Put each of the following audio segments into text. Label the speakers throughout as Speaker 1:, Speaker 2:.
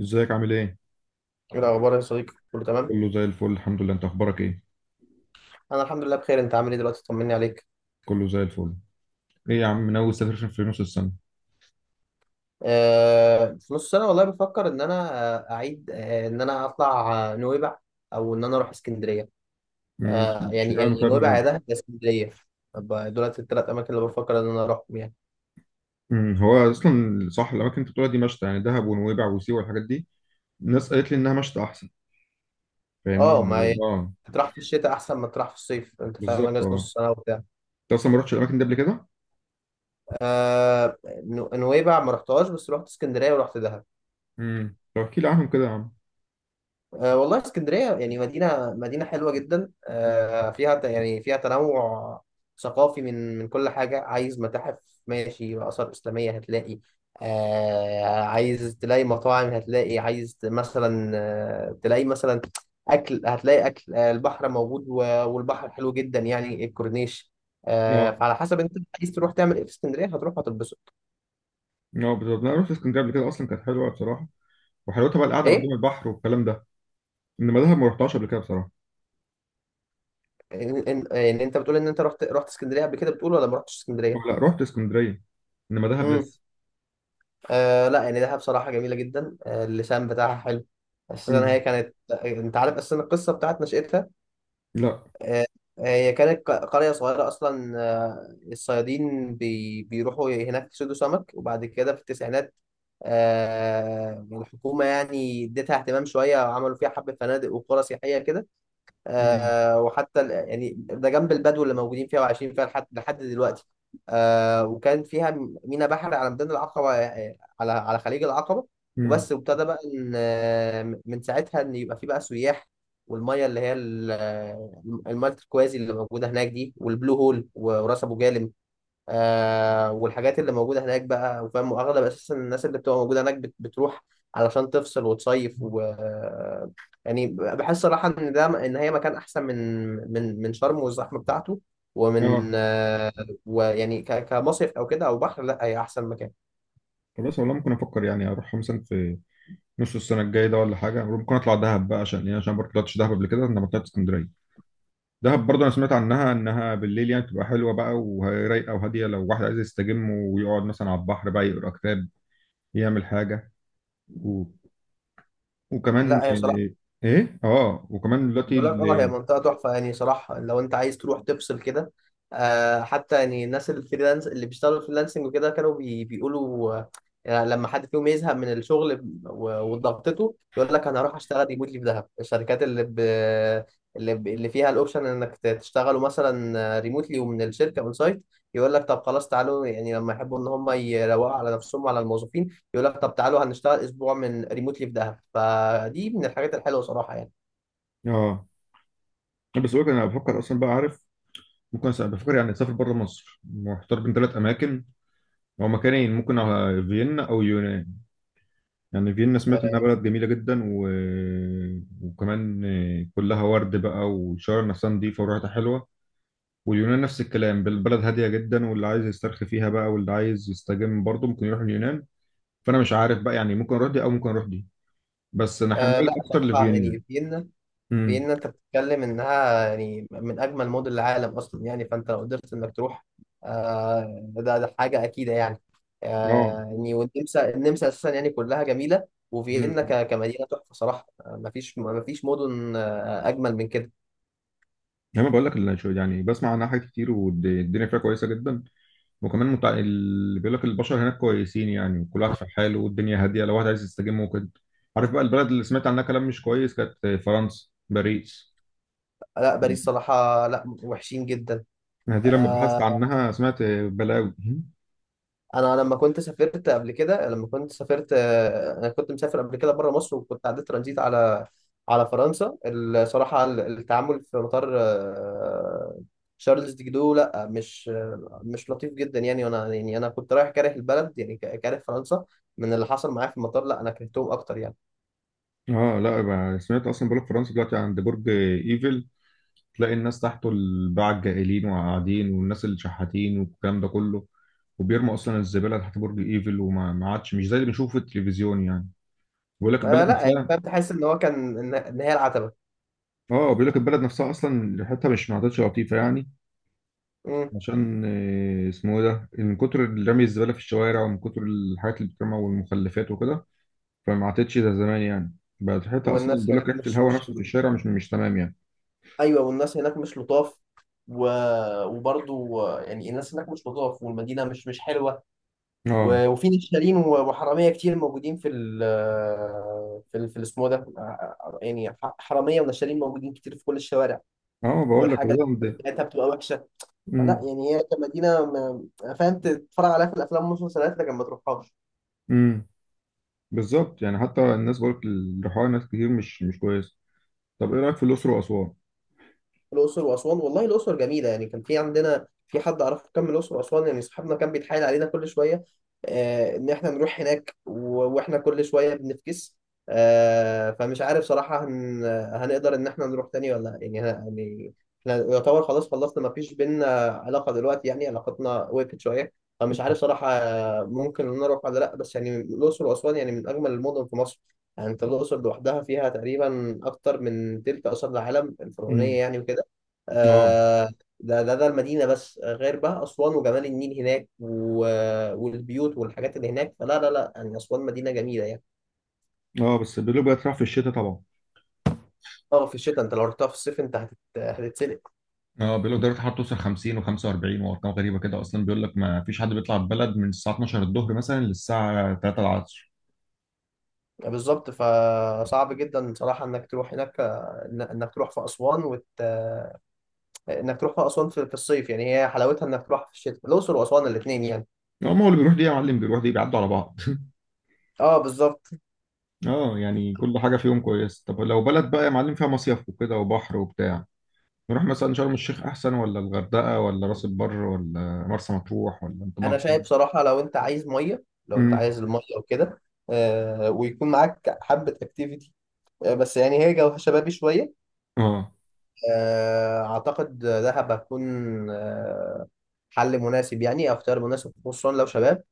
Speaker 1: ازيك عامل ايه؟
Speaker 2: ايه الاخبار يا صديقي؟ كله تمام.
Speaker 1: كله زي الفل الحمد لله، انت اخبارك ايه؟
Speaker 2: انا الحمد لله بخير، انت عامل ايه دلوقتي؟ طمني عليك.
Speaker 1: كله زي الفل. ايه يا عم من اول سفر في نص السنه.
Speaker 2: في نص سنه والله بفكر ان انا آه، اعيد آه ان انا اطلع نويبع او ان انا اروح اسكندريه.
Speaker 1: امم،
Speaker 2: يعني
Speaker 1: اشمعنى طيب
Speaker 2: نويبع
Speaker 1: نويبع؟
Speaker 2: يا دهب يا اسكندريه. طب دولت الثلاث اماكن اللي بفكر ان انا اروحهم يعني.
Speaker 1: هو اصلا صح الاماكن اللي انت بتقولها دي مشتى؟ يعني دهب ونويبع وسيوه والحاجات دي الناس قالت لي انها مشتى احسن. فاهمني؟
Speaker 2: اه ما
Speaker 1: يعني
Speaker 2: هي-
Speaker 1: اه
Speaker 2: تروح في الشتاء احسن ما تروح في الصيف، انت فاهم،
Speaker 1: بالظبط
Speaker 2: اجازه
Speaker 1: اه.
Speaker 2: نص سنه وبتاع.
Speaker 1: انت اصلا ما رحتش الاماكن دي قبل كده؟
Speaker 2: آه. نويبع ما رحتهاش، بس رحت اسكندريه ورحت دهب.
Speaker 1: امم، طب احكي لي عنهم كده يا عم.
Speaker 2: أه والله اسكندرية يعني مدينة حلوة جدا،
Speaker 1: امم،
Speaker 2: أه فيها يعني فيها تنوع ثقافي، من كل حاجة: عايز متاحف ماشي، آثار إسلامية هتلاقي، أه عايز تلاقي مطاعم هتلاقي، عايز مثلا أه تلاقي مثلا أكل هتلاقي أكل، أه البحر موجود والبحر حلو جدا، يعني الكورنيش، أه
Speaker 1: اه
Speaker 2: فعلى حسب أنت عايز تروح تعمل إيه في اسكندرية، هتروح هتتبسط.
Speaker 1: اه بالظبط انا رحت اسكندريه قبل كده، اصلا كانت حلوه بصراحه، وحلاوتها بقى القعده
Speaker 2: إيه؟
Speaker 1: قدام البحر والكلام ده. انما دهب ما رحتهاش قبل كده بصراحه.
Speaker 2: إن أنت بتقول إن أنت رحت اسكندرية قبل كده، بتقول ولا ما رحتش
Speaker 1: اه،
Speaker 2: اسكندرية؟
Speaker 1: لا رحت اسكندريه، انما دهب لسه.
Speaker 2: آه لا، يعني دهب بصراحة جميلة جدا، آه اللسان بتاعها حلو، أساسا هي
Speaker 1: امم.
Speaker 2: كانت، أنت عارف أساسا القصة بتاعت نشأتها؟
Speaker 1: لا.
Speaker 2: آه، هي كانت قرية صغيرة أصلا، آه الصيادين بيروحوا هناك يصيدوا سمك، وبعد كده في التسعينات آه الحكومة يعني اديتها اهتمام شوية وعملوا فيها حبة فنادق وقرى سياحية كده.
Speaker 1: مم.
Speaker 2: آه وحتى يعني ده جنب البدو اللي موجودين فيها وعايشين فيها لحد دلوقتي. آه، وكان فيها مينا بحر على ميدان العقبة، على خليج العقبة.
Speaker 1: مم.
Speaker 2: وبس، وابتدى بقى إن من ساعتها إن يبقى في بقى سياح، والمية اللي هي المية التركوازي اللي موجودة هناك دي، والبلو هول وراس أبو جالم، آه والحاجات اللي موجودة هناك بقى، وفاهم، وأغلب أساسا الناس اللي بتبقى موجودة هناك بتروح علشان تفصل وتصيف و يعني بحس صراحة إن ده، إن هي مكان أحسن من من شرم والزحمة بتاعته،
Speaker 1: اه،
Speaker 2: ومن آه، ويعني كمصيف أو كده أو بحر، لا هي أحسن مكان.
Speaker 1: خلاص والله ممكن افكر يعني اروح مثلا في نص السنه الجايه ده ولا حاجه، ممكن اطلع دهب بقى، عشان ايه؟ عشان برضه طلعتش دهب قبل كده، انا ما طلعت اسكندريه. دهب برضه انا سمعت عنها انها بالليل يعني بتبقى حلوه بقى ورايقه وهاديه، لو واحد عايز يستجم ويقعد مثلا على البحر بقى يقرا كتاب يعمل حاجه. و... وكمان
Speaker 2: لا هي صراحة،
Speaker 1: ايه؟ إيه؟ اه، وكمان دلوقتي
Speaker 2: بقول لك، اه هي منطقة تحفة يعني صراحة، لو انت عايز تروح تفصل كده. آه حتى يعني الناس الفريلانس اللي بيشتغلوا فريلانسنج وكده، كانوا بيقولوا آه، يعني لما حد فيهم يزهق من الشغل وضغطته يقول لك انا هروح اشتغل ريموتلي في دهب. الشركات اللي اللي فيها الاوبشن انك تشتغلوا مثلا ريموتلي ومن الشركة اون سايت، يقول لك طب خلاص تعالوا، يعني لما يحبوا ان هم يروقوا على نفسهم وعلى الموظفين يقول لك طب تعالوا هنشتغل اسبوع من ريموتلي في دهب، فدي من الحاجات الحلوة صراحة يعني.
Speaker 1: اه بس بقول لك انا بفكر اصلا، بقى عارف، بفكر يعني اسافر بره مصر. محتار بين ثلاث اماكن. هو مكانين، ممكن على فيينا او يونان. يعني فيينا سمعت انها بلد جميله جدا. وكمان كلها ورد بقى، والشوارع نفسها نظيفه وريحتها حلوه. واليونان نفس الكلام، بالبلد هاديه جدا، واللي عايز يسترخي فيها بقى واللي عايز يستجم برضه ممكن يروح اليونان. فانا مش عارف بقى، يعني ممكن اروح دي او ممكن اروح دي، بس انا
Speaker 2: أه
Speaker 1: حمايل
Speaker 2: لا
Speaker 1: اكتر
Speaker 2: صراحة
Speaker 1: لفيينا.
Speaker 2: يعني فيينا،
Speaker 1: امم.
Speaker 2: فيينا انت بتتكلم انها يعني من اجمل مدن العالم اصلا يعني، فانت لو قدرت انك تروح، أه ده حاجة اكيدة يعني.
Speaker 1: اه.
Speaker 2: أه يعني والنمسا، النمسا اساسا يعني كلها جميلة، وفيينا
Speaker 1: امم.
Speaker 2: كمدينة تحفة صراحة. مفيش مدن اجمل من كده.
Speaker 1: انا بقول لك يعني بسمع عنها حاجات كتير والدنيا فيها كويسه جدا. وكمان اللي بيقول لك البشر هناك كويسين، يعني كل واحد في حاله والدنيا هاديه، لو واحد عايز يستجم ممكن. عارف بقى البلد اللي سمعت عنها كلام مش كويس؟ كانت فرنسا، باريس.
Speaker 2: لا باريس صراحة لا، وحشين جدا.
Speaker 1: دي لما بحثت
Speaker 2: آه،
Speaker 1: عنها سمعت بلاوي.
Speaker 2: انا لما كنت سافرت قبل كده، لما كنت سافرت انا كنت مسافر قبل كده بره مصر، وكنت عديت ترانزيت على فرنسا. الصراحه التعامل في مطار شارلز دي جدو لا مش مش لطيف جدا يعني، وانا يعني انا كنت رايح كاره البلد يعني، كاره فرنسا من اللي حصل معايا في المطار، لا انا كرهتهم اكتر يعني.
Speaker 1: اه لا بقى، سمعت اصلا، بقول لك فرنسا دلوقتي عند برج ايفل تلاقي الناس تحته، الباعة الجائلين وقاعدين، والناس اللي شحاتين والكلام ده كله. وبيرموا اصلا الزباله تحت برج ايفل، وما ما عادش مش زي اللي بنشوفه في التلفزيون يعني. بيقول لك
Speaker 2: آه
Speaker 1: البلد
Speaker 2: لا يعني
Speaker 1: نفسها
Speaker 2: فاهم، تحس ان هو كان ان إن هي العتبه.
Speaker 1: اه بيقول لك البلد نفسها اصلا ريحتها مش ما عادتش لطيفه يعني.
Speaker 2: مم.
Speaker 1: عشان آه، اسمه إيه ده من كتر رمي الزبالة في الشوارع ومن كتر الحاجات اللي بتترمى والمخلفات وكده، فما عادتش زي زمان يعني، بقت ريحتها أصلا
Speaker 2: والناس
Speaker 1: بيقول لك
Speaker 2: هناك
Speaker 1: ريحة
Speaker 2: مش
Speaker 1: الهواء
Speaker 2: مش
Speaker 1: نفسه في الشارع مش تمام يعني.
Speaker 2: ايوه والناس هناك مش لطاف، و... وبرضو يعني الناس هناك مش لطاف، والمدينه مش حلوه،
Speaker 1: اه.
Speaker 2: و... وفي نشالين وحراميه كتير موجودين في ال في ال في الاسمه ده، يعني حراميه ونشالين موجودين كتير في كل الشوارع،
Speaker 1: اه بقول لك
Speaker 2: والحاجه
Speaker 1: والله ده.
Speaker 2: بتاعتها بتبقى وحشه. فلا
Speaker 1: امم.
Speaker 2: يعني هي كمدينه فاهم تتفرج عليها في الافلام والمسلسلات لكن ما تروحهاش.
Speaker 1: امم. بالظبط يعني، حتى الناس بقول لك الريحان، ناس كتير مش كويس. طب ايه رأيك في الأقصر وأسوان؟
Speaker 2: الأقصر وأسوان، والله الأقصر جميلة، يعني كان في عندنا في حد أعرفه كان من الأقصر وأسوان، يعني صاحبنا كان بيتحايل علينا كل شوية آه إن إحنا نروح هناك وإحنا كل شوية بنفكس. آه، فمش عارف صراحة هنقدر إن إحنا نروح تاني ولا لأ. يعني يعني إحنا يعتبر خلاص خلصنا، مفيش بينا علاقة دلوقتي، يعني علاقتنا وقفت شوية، فمش عارف صراحة، ممكن إن أنا أروح ولا لأ. بس يعني الأقصر وأسوان يعني من أجمل المدن في مصر، يعني انت الاقصر لوحدها فيها تقريبا اكتر من تلت اثار العالم
Speaker 1: امم.
Speaker 2: الفرعونيه يعني، وكده.
Speaker 1: اه.
Speaker 2: آه، ده المدينة بس، غير بقى أسوان وجمال النيل هناك، و... والبيوت والحاجات اللي هناك، فلا لا يعني أسوان مدينة جميلة يعني.
Speaker 1: اه بس بيقولوا بقت رايحة في الشتاء طبعا.
Speaker 2: اه في الشتاء، انت لو رحتها في الصيف انت هتتسلق.
Speaker 1: اه بيقولوا درجة الحرارة توصل 50 و45 وارقام غريبة كده، اصلا بيقول لك ما فيش حد بيطلع البلد من الساعة 12 الظهر مثلا للساعة 3 العصر.
Speaker 2: بالظبط، فصعب جدا صراحة انك تروح هناك، انك تروح في أسوان وت... آه، انك تروح في أسوان في الصيف، يعني هي حلاوتها انك تروح في الشتاء، الأقصر وأسوان الاتنين يعني.
Speaker 1: هم هو اللي بيروح دي يا معلم بيروح دي بيعدوا على بعض
Speaker 2: اه بالظبط.
Speaker 1: اه يعني كل حاجة فيهم كويس. طب لو بلد بقى يا معلم فيها مصيف وكده وبحر وبتاع، نروح مثلا شرم الشيخ احسن ولا الغردقة ولا راس البر ولا مرسى مطروح ولا انت
Speaker 2: انا
Speaker 1: مرسى؟
Speaker 2: شايف صراحة لو انت عايز مية، لو انت
Speaker 1: امم.
Speaker 2: عايز المية وكده، ويكون معاك حبة اكتيفيتي، بس يعني هي جوها شبابي شوية،
Speaker 1: اه
Speaker 2: أعتقد دهب هتكون آه، حل مناسب يعني أو اختيار مناسب، خصوصا لو شباب.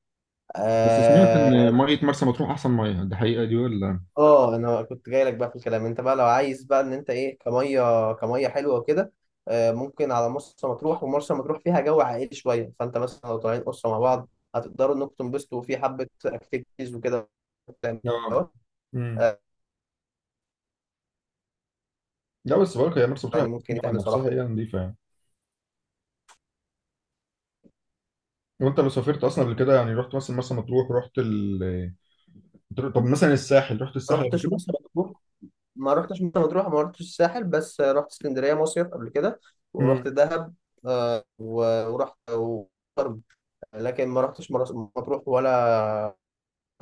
Speaker 1: بس سمعت ان
Speaker 2: آه.
Speaker 1: مية مرسى مطروح احسن مية، دي حقيقة دي ولا؟
Speaker 2: أنا كنت جاي لك بقى في الكلام، أنت بقى لو عايز بقى إن أنت إيه كمية، حلوة وكده، ممكن على مرسى مطروح. ومرسى مطروح فيها جو عائلي شوية، فأنت مثلا لو طالعين أسرة مع بعض هتقدروا إنكم تنبسطوا في حبة أكتيفيتيز وكده.
Speaker 1: اه. امم.
Speaker 2: آه،
Speaker 1: لا بس برضه هي مرسى مطروح
Speaker 2: يعني
Speaker 1: هتحس
Speaker 2: ممكن
Speaker 1: إن هو
Speaker 2: يتعمل
Speaker 1: نفسها
Speaker 2: صراحة.
Speaker 1: هي نظيفة يعني. وانت لو سافرت اصلا قبل كده، يعني رحت مثلا مرسى مطروح، رحت ال طب مثلا الساحل، رحت
Speaker 2: ما
Speaker 1: الساحل قبل
Speaker 2: رحتش
Speaker 1: كده؟
Speaker 2: مرسى مطروح ما رحتش مرسى مطروح، ما رحتش الساحل، بس رحت اسكندريه مصيف قبل كده ورحت
Speaker 1: امم.
Speaker 2: دهب، ورحت وشرم، لكن ما رحتش مرسى مطروح، ولا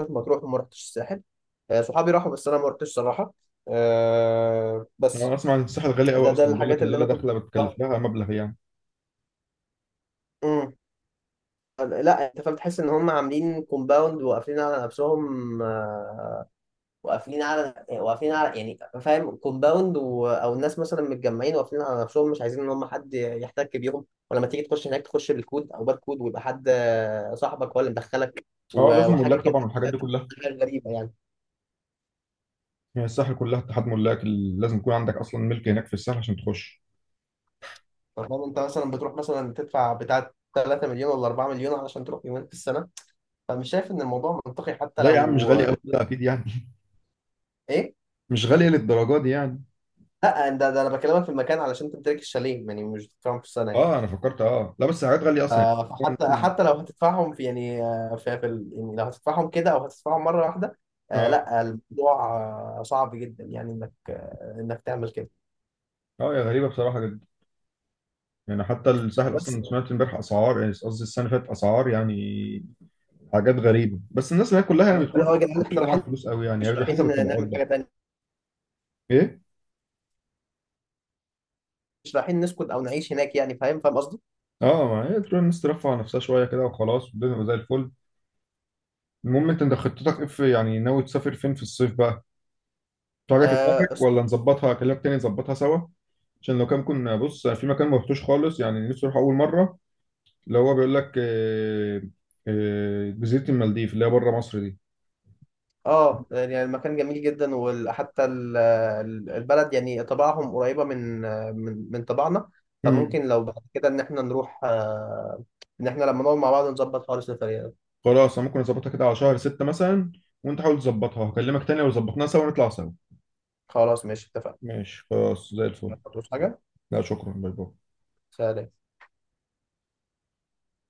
Speaker 2: رحت مطروح وما رحتش الساحل. صحابي راحوا بس انا ما رحتش صراحه، آه،
Speaker 1: انا
Speaker 2: بس
Speaker 1: اسمع ان الساحل غالي
Speaker 2: ده
Speaker 1: قوي،
Speaker 2: ده
Speaker 1: اصلا بيقول لك
Speaker 2: الحاجات اللي
Speaker 1: الليله
Speaker 2: انا كنت
Speaker 1: داخله
Speaker 2: بروحها.
Speaker 1: بتكلف لها مبلغ يعني.
Speaker 2: مم. لا انت فاهم، تحس ان هم عاملين كومباوند وقافلين على نفسهم، واقفين على يعني فاهم كومباوند، و... او الناس مثلا متجمعين واقفين على نفسهم، مش عايزين ان هم حد يحتك بيهم، ولما تيجي تخش هناك تخش بالكود او باركود، ويبقى حد صاحبك هو اللي مدخلك،
Speaker 1: اه
Speaker 2: و...
Speaker 1: لازم
Speaker 2: وحاجه
Speaker 1: ملاك
Speaker 2: كده،
Speaker 1: طبعا والحاجات دي كلها.
Speaker 2: حاجة غريبه يعني.
Speaker 1: يعني الساحل كلها اتحاد لازم يكون عندك اصلا ملك هناك في الساحل عشان تخش.
Speaker 2: فاهم انت مثلا بتروح مثلا تدفع بتاع 3 مليون ولا 4 مليون علشان تروح يومين في السنه، فمش شايف ان الموضوع منطقي،
Speaker 1: لا يا عم مش غالي قوي ده اكيد يعني.
Speaker 2: ايه
Speaker 1: مش غالي للدرجه دي يعني.
Speaker 2: لا ده انا بكلمك في المكان علشان تمتلك الشاليه يعني، مش بتدفعهم في السنه يعني.
Speaker 1: اه انا فكرت، اه لا بس حاجات غاليه اصلا. يعني
Speaker 2: فحتى
Speaker 1: ممكن-
Speaker 2: حتى لو هتدفعهم في يعني في يعني لو هتدفعهم كده او هتدفعهم مره واحده، آه
Speaker 1: اه.
Speaker 2: لا الموضوع آه صعب جدا يعني، انك آه انك تعمل كده.
Speaker 1: اه يا غريبه بصراحه جدا. يعني حتى الساحل
Speaker 2: بس
Speaker 1: اصلا سمعت امبارح اسعار، يعني قصدي السنه اللي فاتت اسعار يعني حاجات غريبة، بس الناس اللي هي كلها يعني
Speaker 2: لو
Speaker 1: بتروح
Speaker 2: لو يا جدعان
Speaker 1: مش
Speaker 2: احنا
Speaker 1: معاها
Speaker 2: رايحين،
Speaker 1: فلوس قوي يعني،
Speaker 2: مش
Speaker 1: على حسب
Speaker 2: رايحين
Speaker 1: الطبقات
Speaker 2: نعمل
Speaker 1: بقى.
Speaker 2: حاجه تانيه،
Speaker 1: ايه.
Speaker 2: مش رايحين نسكت او نعيش هناك، يعني فاهم، فاهم قصدي؟
Speaker 1: اه ما هي تروح الناس ترفع عن نفسها شوية كده وخلاص، والدنيا تبقى زي الفل. المهم انت خطتك ايه في يعني ناوي تسافر فين في الصيف بقى؟ في حاجة في
Speaker 2: اه
Speaker 1: دماغك
Speaker 2: الس-
Speaker 1: ولا نظبطها، اكلمك تاني نظبطها سوا؟ عشان لو كان كنا بص في مكان ما رحتوش خالص، يعني نفسي اروح اول مرة اللي هو بيقول لك جزيرة المالديف اللي هي بره مصر دي.
Speaker 2: آه، يعني المكان جميل جدا، وحتى البلد يعني طباعهم قريبه من من طباعنا،
Speaker 1: مم.
Speaker 2: فممكن لو بعد كده ان احنا نروح آه ان احنا لما نقعد مع بعض نظبط خالص السفريه.
Speaker 1: خلاص أنا ممكن اظبطها كده على شهر ستة مثلا، وانت حاول تظبطها، هكلمك تاني لو ظبطناها سوا نطلع سوا.
Speaker 2: خلاص ماشي، اتفقنا.
Speaker 1: ماشي خلاص زي
Speaker 2: ما
Speaker 1: الفل.
Speaker 2: تقولوش حاجة.
Speaker 1: لا شكرا، باي باي.
Speaker 2: سلام.